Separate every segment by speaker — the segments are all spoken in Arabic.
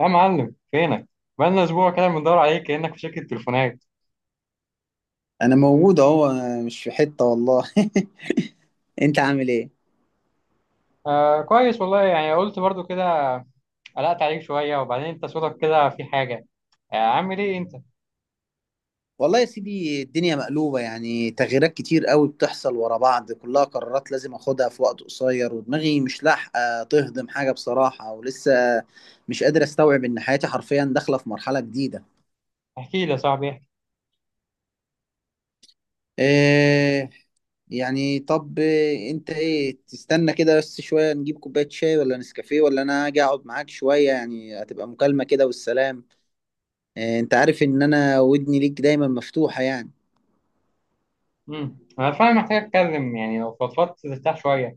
Speaker 1: يا معلم فينك؟ بقالنا اسبوع كده بندور عليك كانك في شركه تليفونات.
Speaker 2: انا موجود اهو. أنا مش في حتة والله. انت عامل ايه؟
Speaker 1: آه كويس والله، يعني قلت برضو كده. قلقت عليك شويه، وبعدين انت صوتك كده في حاجه. عامل ايه انت؟
Speaker 2: والله يا سيدي الدنيا مقلوبة، يعني تغييرات كتير قوي بتحصل ورا بعض، كلها قرارات لازم اخدها في وقت قصير، ودماغي مش لاحقة تهضم حاجة بصراحة، ولسه مش قادر استوعب ان حياتي حرفيا داخلة في مرحلة جديدة.
Speaker 1: احكي لي يا صاحبي، احكي.
Speaker 2: إيه يعني طب، انت ايه تستنى كده بس شوية نجيب كوباية شاي ولا نسكافيه ولا انا اجي اقعد معاك شوية؟ يعني هتبقى مكالمة كده والسلام. إيه، انت عارف ان انا ودني ليك دايما مفتوحة يعني.
Speaker 1: انا فعلا محتاج اتكلم، يعني لو فضفضت ترتاح شويه.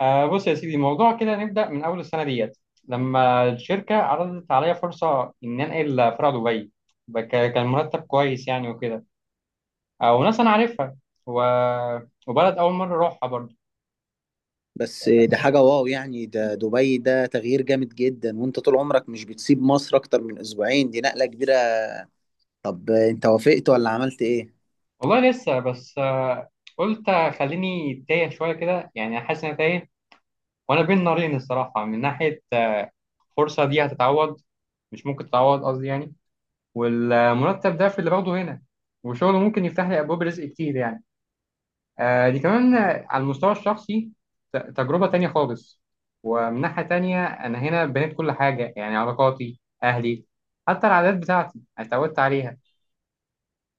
Speaker 1: بص يا سيدي، الموضوع كده نبدا من اول السنه ديت، لما الشركه عرضت عليا فرصه ان انقل فرع دبي بك- كان مرتب كويس يعني وكده. وناس انا عارفها، و... وبلد اول مره اروحها برضو.
Speaker 2: بس ده حاجة واو يعني، ده دبي، ده تغيير جامد جدا، وانت طول عمرك مش بتسيب مصر اكتر من اسبوعين، دي نقلة كبيرة. طب انت وافقت ولا عملت ايه؟
Speaker 1: والله لسه، بس قلت خليني تايه شويه كده، يعني حاسس ان أنا تايه. وانا بين نارين الصراحه، من ناحيه الفرصه دي هتتعوض، مش ممكن تتعوض قصدي يعني. والمرتب ده في اللي باخده هنا، وشغله ممكن يفتح لي ابواب رزق كتير يعني. دي كمان، على المستوى الشخصي تجربه تانية خالص. ومن ناحيه تانية انا هنا بنيت كل حاجه، يعني علاقاتي، اهلي، حتى العادات بتاعتي اتعودت عليها.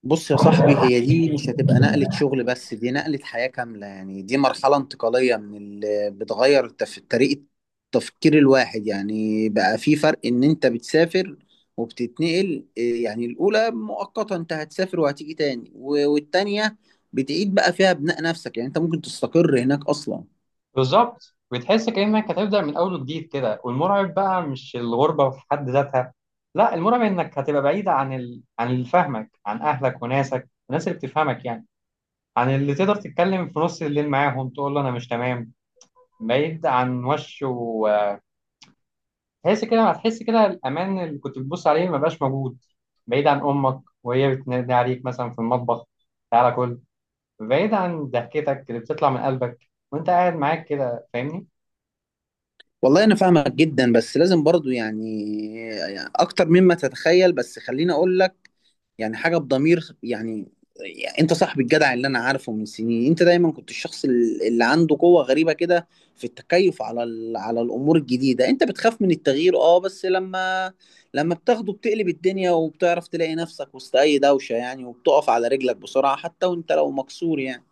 Speaker 2: بص يا صاحبي، هي دي مش هتبقى نقلة شغل بس، دي نقلة حياة كاملة، يعني دي مرحلة انتقالية من اللي بتغير طريقة تفكير الواحد، يعني بقى في فرق ان انت بتسافر وبتتنقل. إيه يعني الاولى مؤقتا، انت هتسافر وهتيجي تاني، والتانية بتعيد بقى فيها بناء نفسك، يعني انت ممكن تستقر هناك اصلا.
Speaker 1: بالظبط، بتحس كأنك هتبدأ من أول وجديد كده، والمرعب بقى مش الغربة في حد ذاتها. لا، المرعب إنك هتبقى بعيدة عن عن اللي فاهمك، عن أهلك وناسك، الناس اللي بتفهمك يعني. عن اللي تقدر تتكلم في نص الليل معاهم، تقول له أنا مش تمام. بعيد عن وش، وتحس كده، هتحس كده الأمان اللي كنت بتبص عليه ما بقاش موجود. بعيد عن أمك وهي بتنادي عليك مثلا في المطبخ: تعالى كل. بعيد عن ضحكتك اللي بتطلع من قلبك وأنت قاعد معاك كده، فاهمني؟
Speaker 2: والله انا فاهمك جدا بس لازم برضو يعني، يعني اكتر مما تتخيل، بس خليني اقول لك يعني حاجه بضمير يعني. يعني انت صاحب الجدع اللي انا عارفه من سنين، انت دايما كنت الشخص اللي عنده قوه غريبه كده في التكيف على الامور الجديده، انت بتخاف من التغيير اه، بس لما بتاخده بتقلب الدنيا وبتعرف تلاقي نفسك وسط اي دوشه، يعني وبتقف على رجلك بسرعه حتى وانت لو مكسور يعني.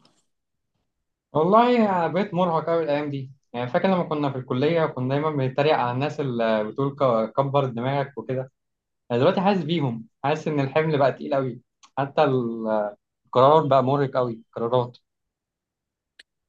Speaker 1: والله أنا بقيت مرهق أوي الأيام دي. يعني فاكر لما كنا في الكلية، كنا دايما بنتريق على الناس اللي بتقول كبر دماغك وكده. أنا دلوقتي حاسس بيهم، حاسس إن الحمل بقى تقيل أوي. حتى ال- القرار بقى مرهق أوي، القرارات.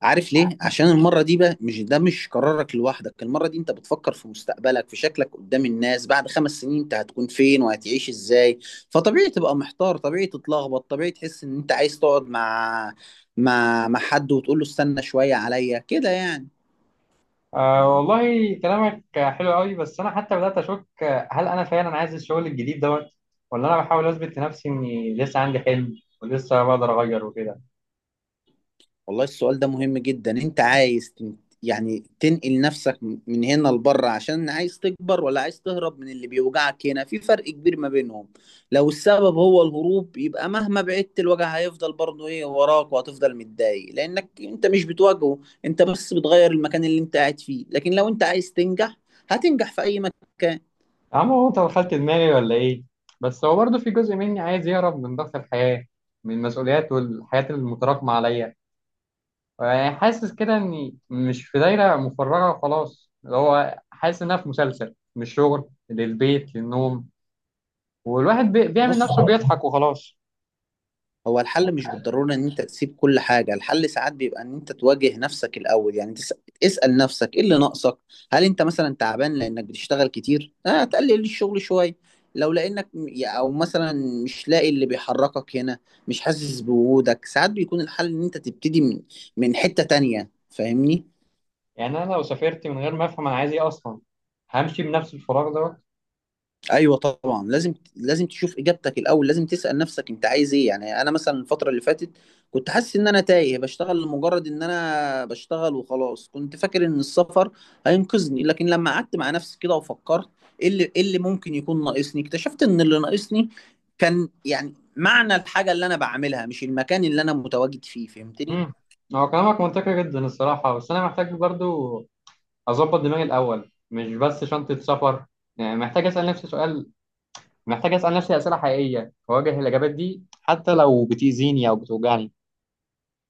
Speaker 2: عارف ليه؟ عشان المرة دي بقى مش ده مش قرارك لوحدك، المرة دي انت بتفكر في مستقبلك، في شكلك قدام الناس، بعد 5 سنين انت هتكون فين وهتعيش ازاي؟ فطبيعي تبقى محتار، طبيعي تتلخبط، طبيعي تحس ان انت عايز تقعد مع مع حد وتقول له استنى شوية عليا، كده يعني.
Speaker 1: آه، والله كلامك حلو أوي، بس أنا حتى بدأت أشك، هل أنا فعلا عايز الشغل الجديد دوت؟ ولا أنا بحاول أثبت لنفسي إني لسه عندي حلم ولسه بقدر أغير وكده؟
Speaker 2: والله السؤال ده مهم جدا، انت عايز يعني تنقل نفسك من هنا لبره عشان عايز تكبر، ولا عايز تهرب من اللي بيوجعك هنا؟ في فرق كبير ما بينهم. لو السبب هو الهروب يبقى مهما بعدت الوجع هيفضل برضه ايه وراك، وهتفضل متضايق لانك انت مش بتواجهه، انت بس بتغير المكان اللي انت قاعد فيه. لكن لو انت عايز تنجح هتنجح في اي مكان.
Speaker 1: يا عم، هو انت دخلت دماغي ولا ايه؟ بس هو برضه في جزء مني عايز يهرب من ضغط الحياة، من المسؤوليات والحياة المتراكمة عليا. يعني حاسس كده اني مش في دايرة مفرغة وخلاص، اللي هو حاسس انها في مسلسل من الشغل للبيت للنوم. والواحد بيعمل
Speaker 2: بص،
Speaker 1: نفسه بيضحك وخلاص.
Speaker 2: هو الحل مش بالضرورة ان انت تسيب كل حاجة، الحل ساعات بيبقى ان انت تواجه نفسك الاول، يعني اسأل نفسك ايه اللي ناقصك. هل انت مثلا تعبان لانك بتشتغل كتير؟ اه تقلل الشغل شوية. لو لانك او مثلا مش لاقي اللي بيحركك هنا، مش حاسس بوجودك، ساعات بيكون الحل ان انت تبتدي من حتة تانية، فاهمني؟
Speaker 1: يعني انا لو سافرت من غير ما افهم انا عايز ايه اصلا، همشي بنفس الفراغ دوت.
Speaker 2: ايوه طبعا لازم تشوف اجابتك الاول، لازم تسال نفسك انت عايز ايه. يعني انا مثلا الفتره اللي فاتت كنت حاسس ان انا تايه، بشتغل لمجرد ان انا بشتغل وخلاص. كنت فاكر ان السفر هينقذني، لكن لما قعدت مع نفسي كده وفكرت ايه اللي ممكن يكون ناقصني اكتشفت ان اللي ناقصني كان يعني معنى الحاجه اللي انا بعملها، مش المكان اللي انا متواجد فيه، فهمتني؟
Speaker 1: امم هو كلامك منطقي جدا الصراحة، بس انا محتاج برضه اظبط دماغي الاول، مش بس شنطه سفر. يعني محتاج اسال نفسي سؤال، محتاج اسال نفسي اسئله حقيقيه، واواجه الاجابات دي حتى لو بتاذيني او بتوجعني.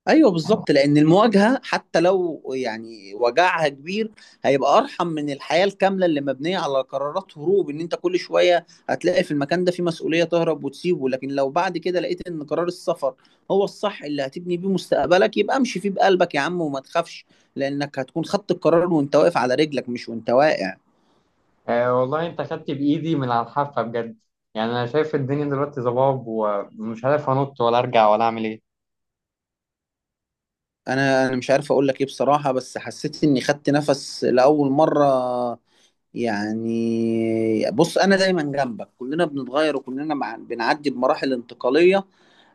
Speaker 2: ايوه بالظبط، لان المواجهه حتى لو يعني وجعها كبير هيبقى ارحم من الحياه الكامله اللي مبنيه على قرارات هروب، ان انت كل شويه هتلاقي في المكان ده في مسؤوليه تهرب وتسيبه. لكن لو بعد كده لقيت ان قرار السفر هو الصح اللي هتبني بيه مستقبلك يبقى امشي فيه بقلبك يا عم، وما تخافش. لانك هتكون خدت القرار وانت واقف على رجلك، مش وانت واقع.
Speaker 1: آه، والله انت خدت بايدي من على الحافه بجد. يعني انا شايف الدنيا دلوقتي ضباب، ومش عارف انط ولا ارجع ولا اعمل ايه.
Speaker 2: انا مش عارف اقول لك ايه بصراحه، بس حسيت اني خدت نفس لاول مره. يعني بص انا دايما جنبك، كلنا بنتغير وكلنا مع بنعدي بمراحل انتقاليه،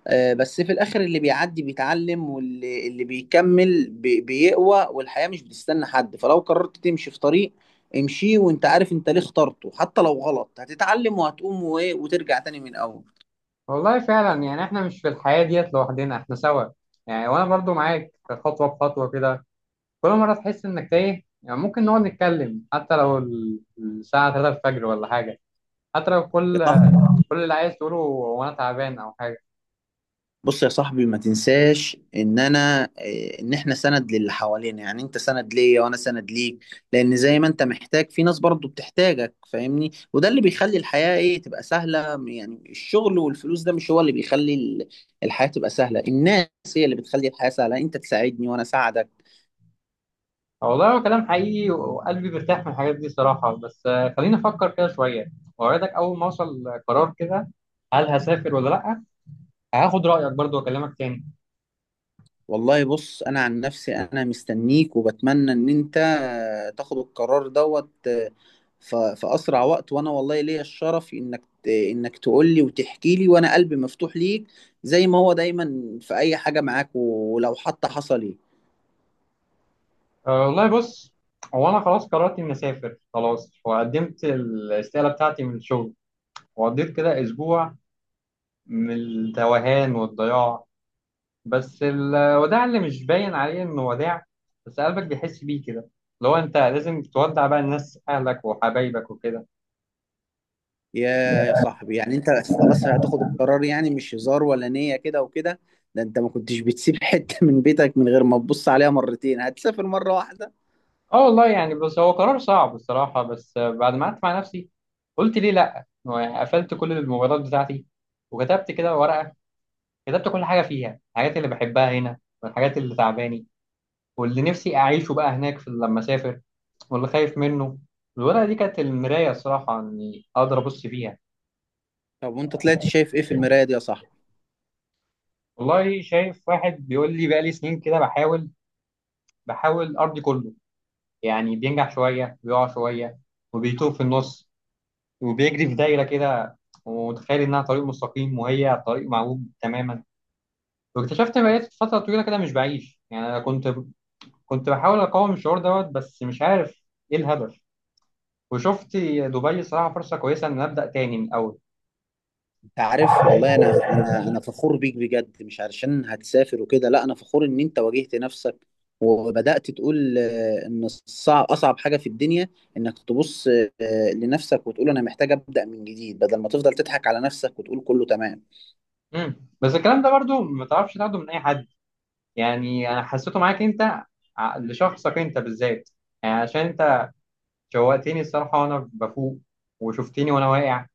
Speaker 2: بس في الاخر اللي بيعدي بيتعلم، واللي بيكمل بيقوى، والحياه مش بتستنى حد. فلو قررت تمشي في طريق امشي وانت عارف انت ليه اخترته. حتى لو غلط هتتعلم وهتقوم وترجع تاني من الاول.
Speaker 1: والله فعلا، يعني احنا مش في الحياه ديت لوحدنا، احنا سوا. يعني وانا برضو معاك خطوه بخطوه كده. كل مره تحس انك تايه، يعني ممكن نقعد نتكلم حتى لو الساعه 3 الفجر ولا حاجه. حتى لو
Speaker 2: يا
Speaker 1: كل
Speaker 2: صح.
Speaker 1: كل اللي عايز تقوله هو انا تعبان او حاجه.
Speaker 2: بص يا صاحبي ما تنساش ان انا إيه، ان احنا سند للي حوالينا، يعني انت سند ليا وانا سند ليك. لان زي ما انت محتاج في ناس برضو بتحتاجك فاهمني، وده اللي بيخلي الحياة تبقى سهلة. يعني الشغل والفلوس ده مش هو اللي بيخلي الحياة تبقى سهلة، الناس هي اللي بتخلي الحياة سهلة، انت تساعدني وانا اساعدك.
Speaker 1: آه، والله هو كلام حقيقي، وقلبي بيرتاح من الحاجات دي صراحه، بس خليني افكر كده شويه. واوعدك اول ما اوصل قرار كده، هل هسافر ولا لا، هاخد رايك برضو واكلمك تاني.
Speaker 2: والله بص انا عن نفسي انا مستنيك، وبتمنى ان انت تاخد القرار دوت في اسرع وقت، وانا والله ليا الشرف انك انك تقول لي وتحكي لي، وانا قلبي مفتوح ليك زي ما هو دايما في اي حاجة معاك ولو حتى حصل ايه.
Speaker 1: أه والله، بص. هو انا خلاص قررت اني اسافر خلاص، وقدمت الاستقاله بتاعتي من الشغل. وقضيت كده اسبوع من التوهان والضياع. بس الوداع اللي مش باين عليه انه وداع، بس قلبك بيحس بيه كده، اللي هو انت لازم تودع بقى الناس، اهلك وحبايبك وكده.
Speaker 2: يا يا صاحبي يعني انت خلاص هتاخد القرار يعني، مش هزار ولا نية كده وكده. ده انت ما كنتش بتسيب حتة من بيتك من غير ما تبص عليها مرتين، هتسافر مرة واحدة؟
Speaker 1: اه والله يعني، بس هو قرار صعب الصراحة، بس بعد ما قعدت مع نفسي قلت ليه لا. هو يعني قفلت كل الموبايلات بتاعتي، وكتبت كده ورقة، كتبت كل حاجة فيها، الحاجات اللي بحبها هنا، والحاجات اللي تعباني، واللي نفسي اعيشه بقى هناك في لما اسافر، واللي خايف منه. الورقة دي كانت المراية الصراحة، اني اقدر ابص فيها.
Speaker 2: طب وانت طلعت شايف ايه في المراية دي يا صاحبي؟
Speaker 1: والله شايف واحد بيقول لي بقالي سنين كده، بحاول أرضي كله. يعني بينجح شوية، بيقع شوية، وبيتوه في النص، وبيجري في دايرة كده، ومتخيل إنها طريق مستقيم، وهي طريق معوج تماما. واكتشفت إن بقيت فترة طويلة كده مش بعيش يعني. أنا كنت بحاول أقاوم الشعور دوت، بس مش عارف إيه الهدف. وشفت دبي صراحة فرصة كويسة إن أبدأ تاني من الأول.
Speaker 2: انت عارف والله، انا فخور بيك بجد، مش علشان هتسافر وكده، لا انا فخور ان انت واجهت نفسك وبدأت تقول ان الصعب اصعب حاجة في الدنيا انك تبص لنفسك وتقول انا محتاج أبدأ من جديد، بدل ما تفضل تضحك على نفسك وتقول كله تمام.
Speaker 1: مم. بس الكلام ده برضو ما تعرفش تاخده من أي حد، يعني انا حسيته معاك انت، لشخصك انت بالذات. يعني عشان انت شوقتني الصراحه وانا بفوق، وشفتني وانا واقع،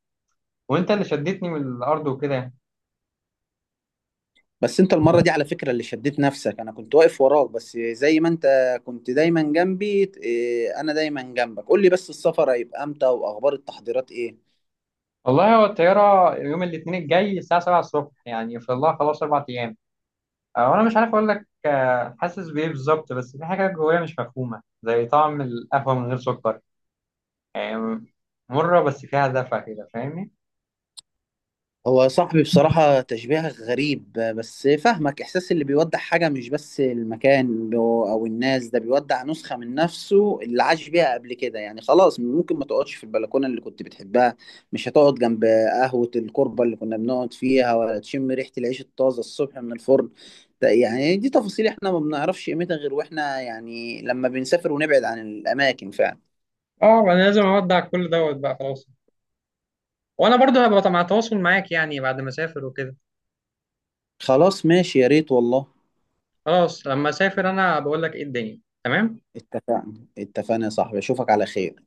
Speaker 1: وانت اللي شدتني من الارض وكده يعني.
Speaker 2: بس انت المرة دي على فكرة اللي شديت نفسك، انا كنت واقف وراك بس، زي ما انت كنت دايما جنبي. انا دايما جنبك، قول لي بس السفر هيبقى امتى؟ واخبار التحضيرات ايه؟
Speaker 1: والله هو الطياره يوم الاثنين الجاي الساعه 7 الصبح، يعني في الله خلاص 4 ايام. وانا مش عارف اقول لك حاسس بايه بالظبط، بس في حاجه جوايا مش مفهومه زي طعم القهوه من غير سكر. يعني مره بس فيها دفى كده، فاهمني؟
Speaker 2: هو صاحبي بصراحة تشبيه غريب بس فاهمك، إحساس اللي بيودع حاجة مش بس المكان أو الناس، ده بيودع نسخة من نفسه اللي عاش بيها قبل كده. يعني خلاص ممكن ما تقعدش في البلكونة اللي كنت بتحبها، مش هتقعد جنب قهوة الكربة اللي كنا بنقعد فيها، ولا تشم ريحة العيش الطازة الصبح من الفرن. ده يعني دي تفاصيل إحنا ما بنعرفش قيمتها غير وإحنا يعني لما بنسافر ونبعد عن الأماكن فعلا.
Speaker 1: اه، انا لازم اودع كل دوت بقى خلاص. وانا برضو هبقى مع تواصل معاك، يعني بعد ما اسافر وكده.
Speaker 2: خلاص ماشي، يا ريت والله.
Speaker 1: خلاص لما اسافر انا بقول لك ايه الدنيا تمام.
Speaker 2: اتفق- اتفقنا يا صاحبي، أشوفك على خير.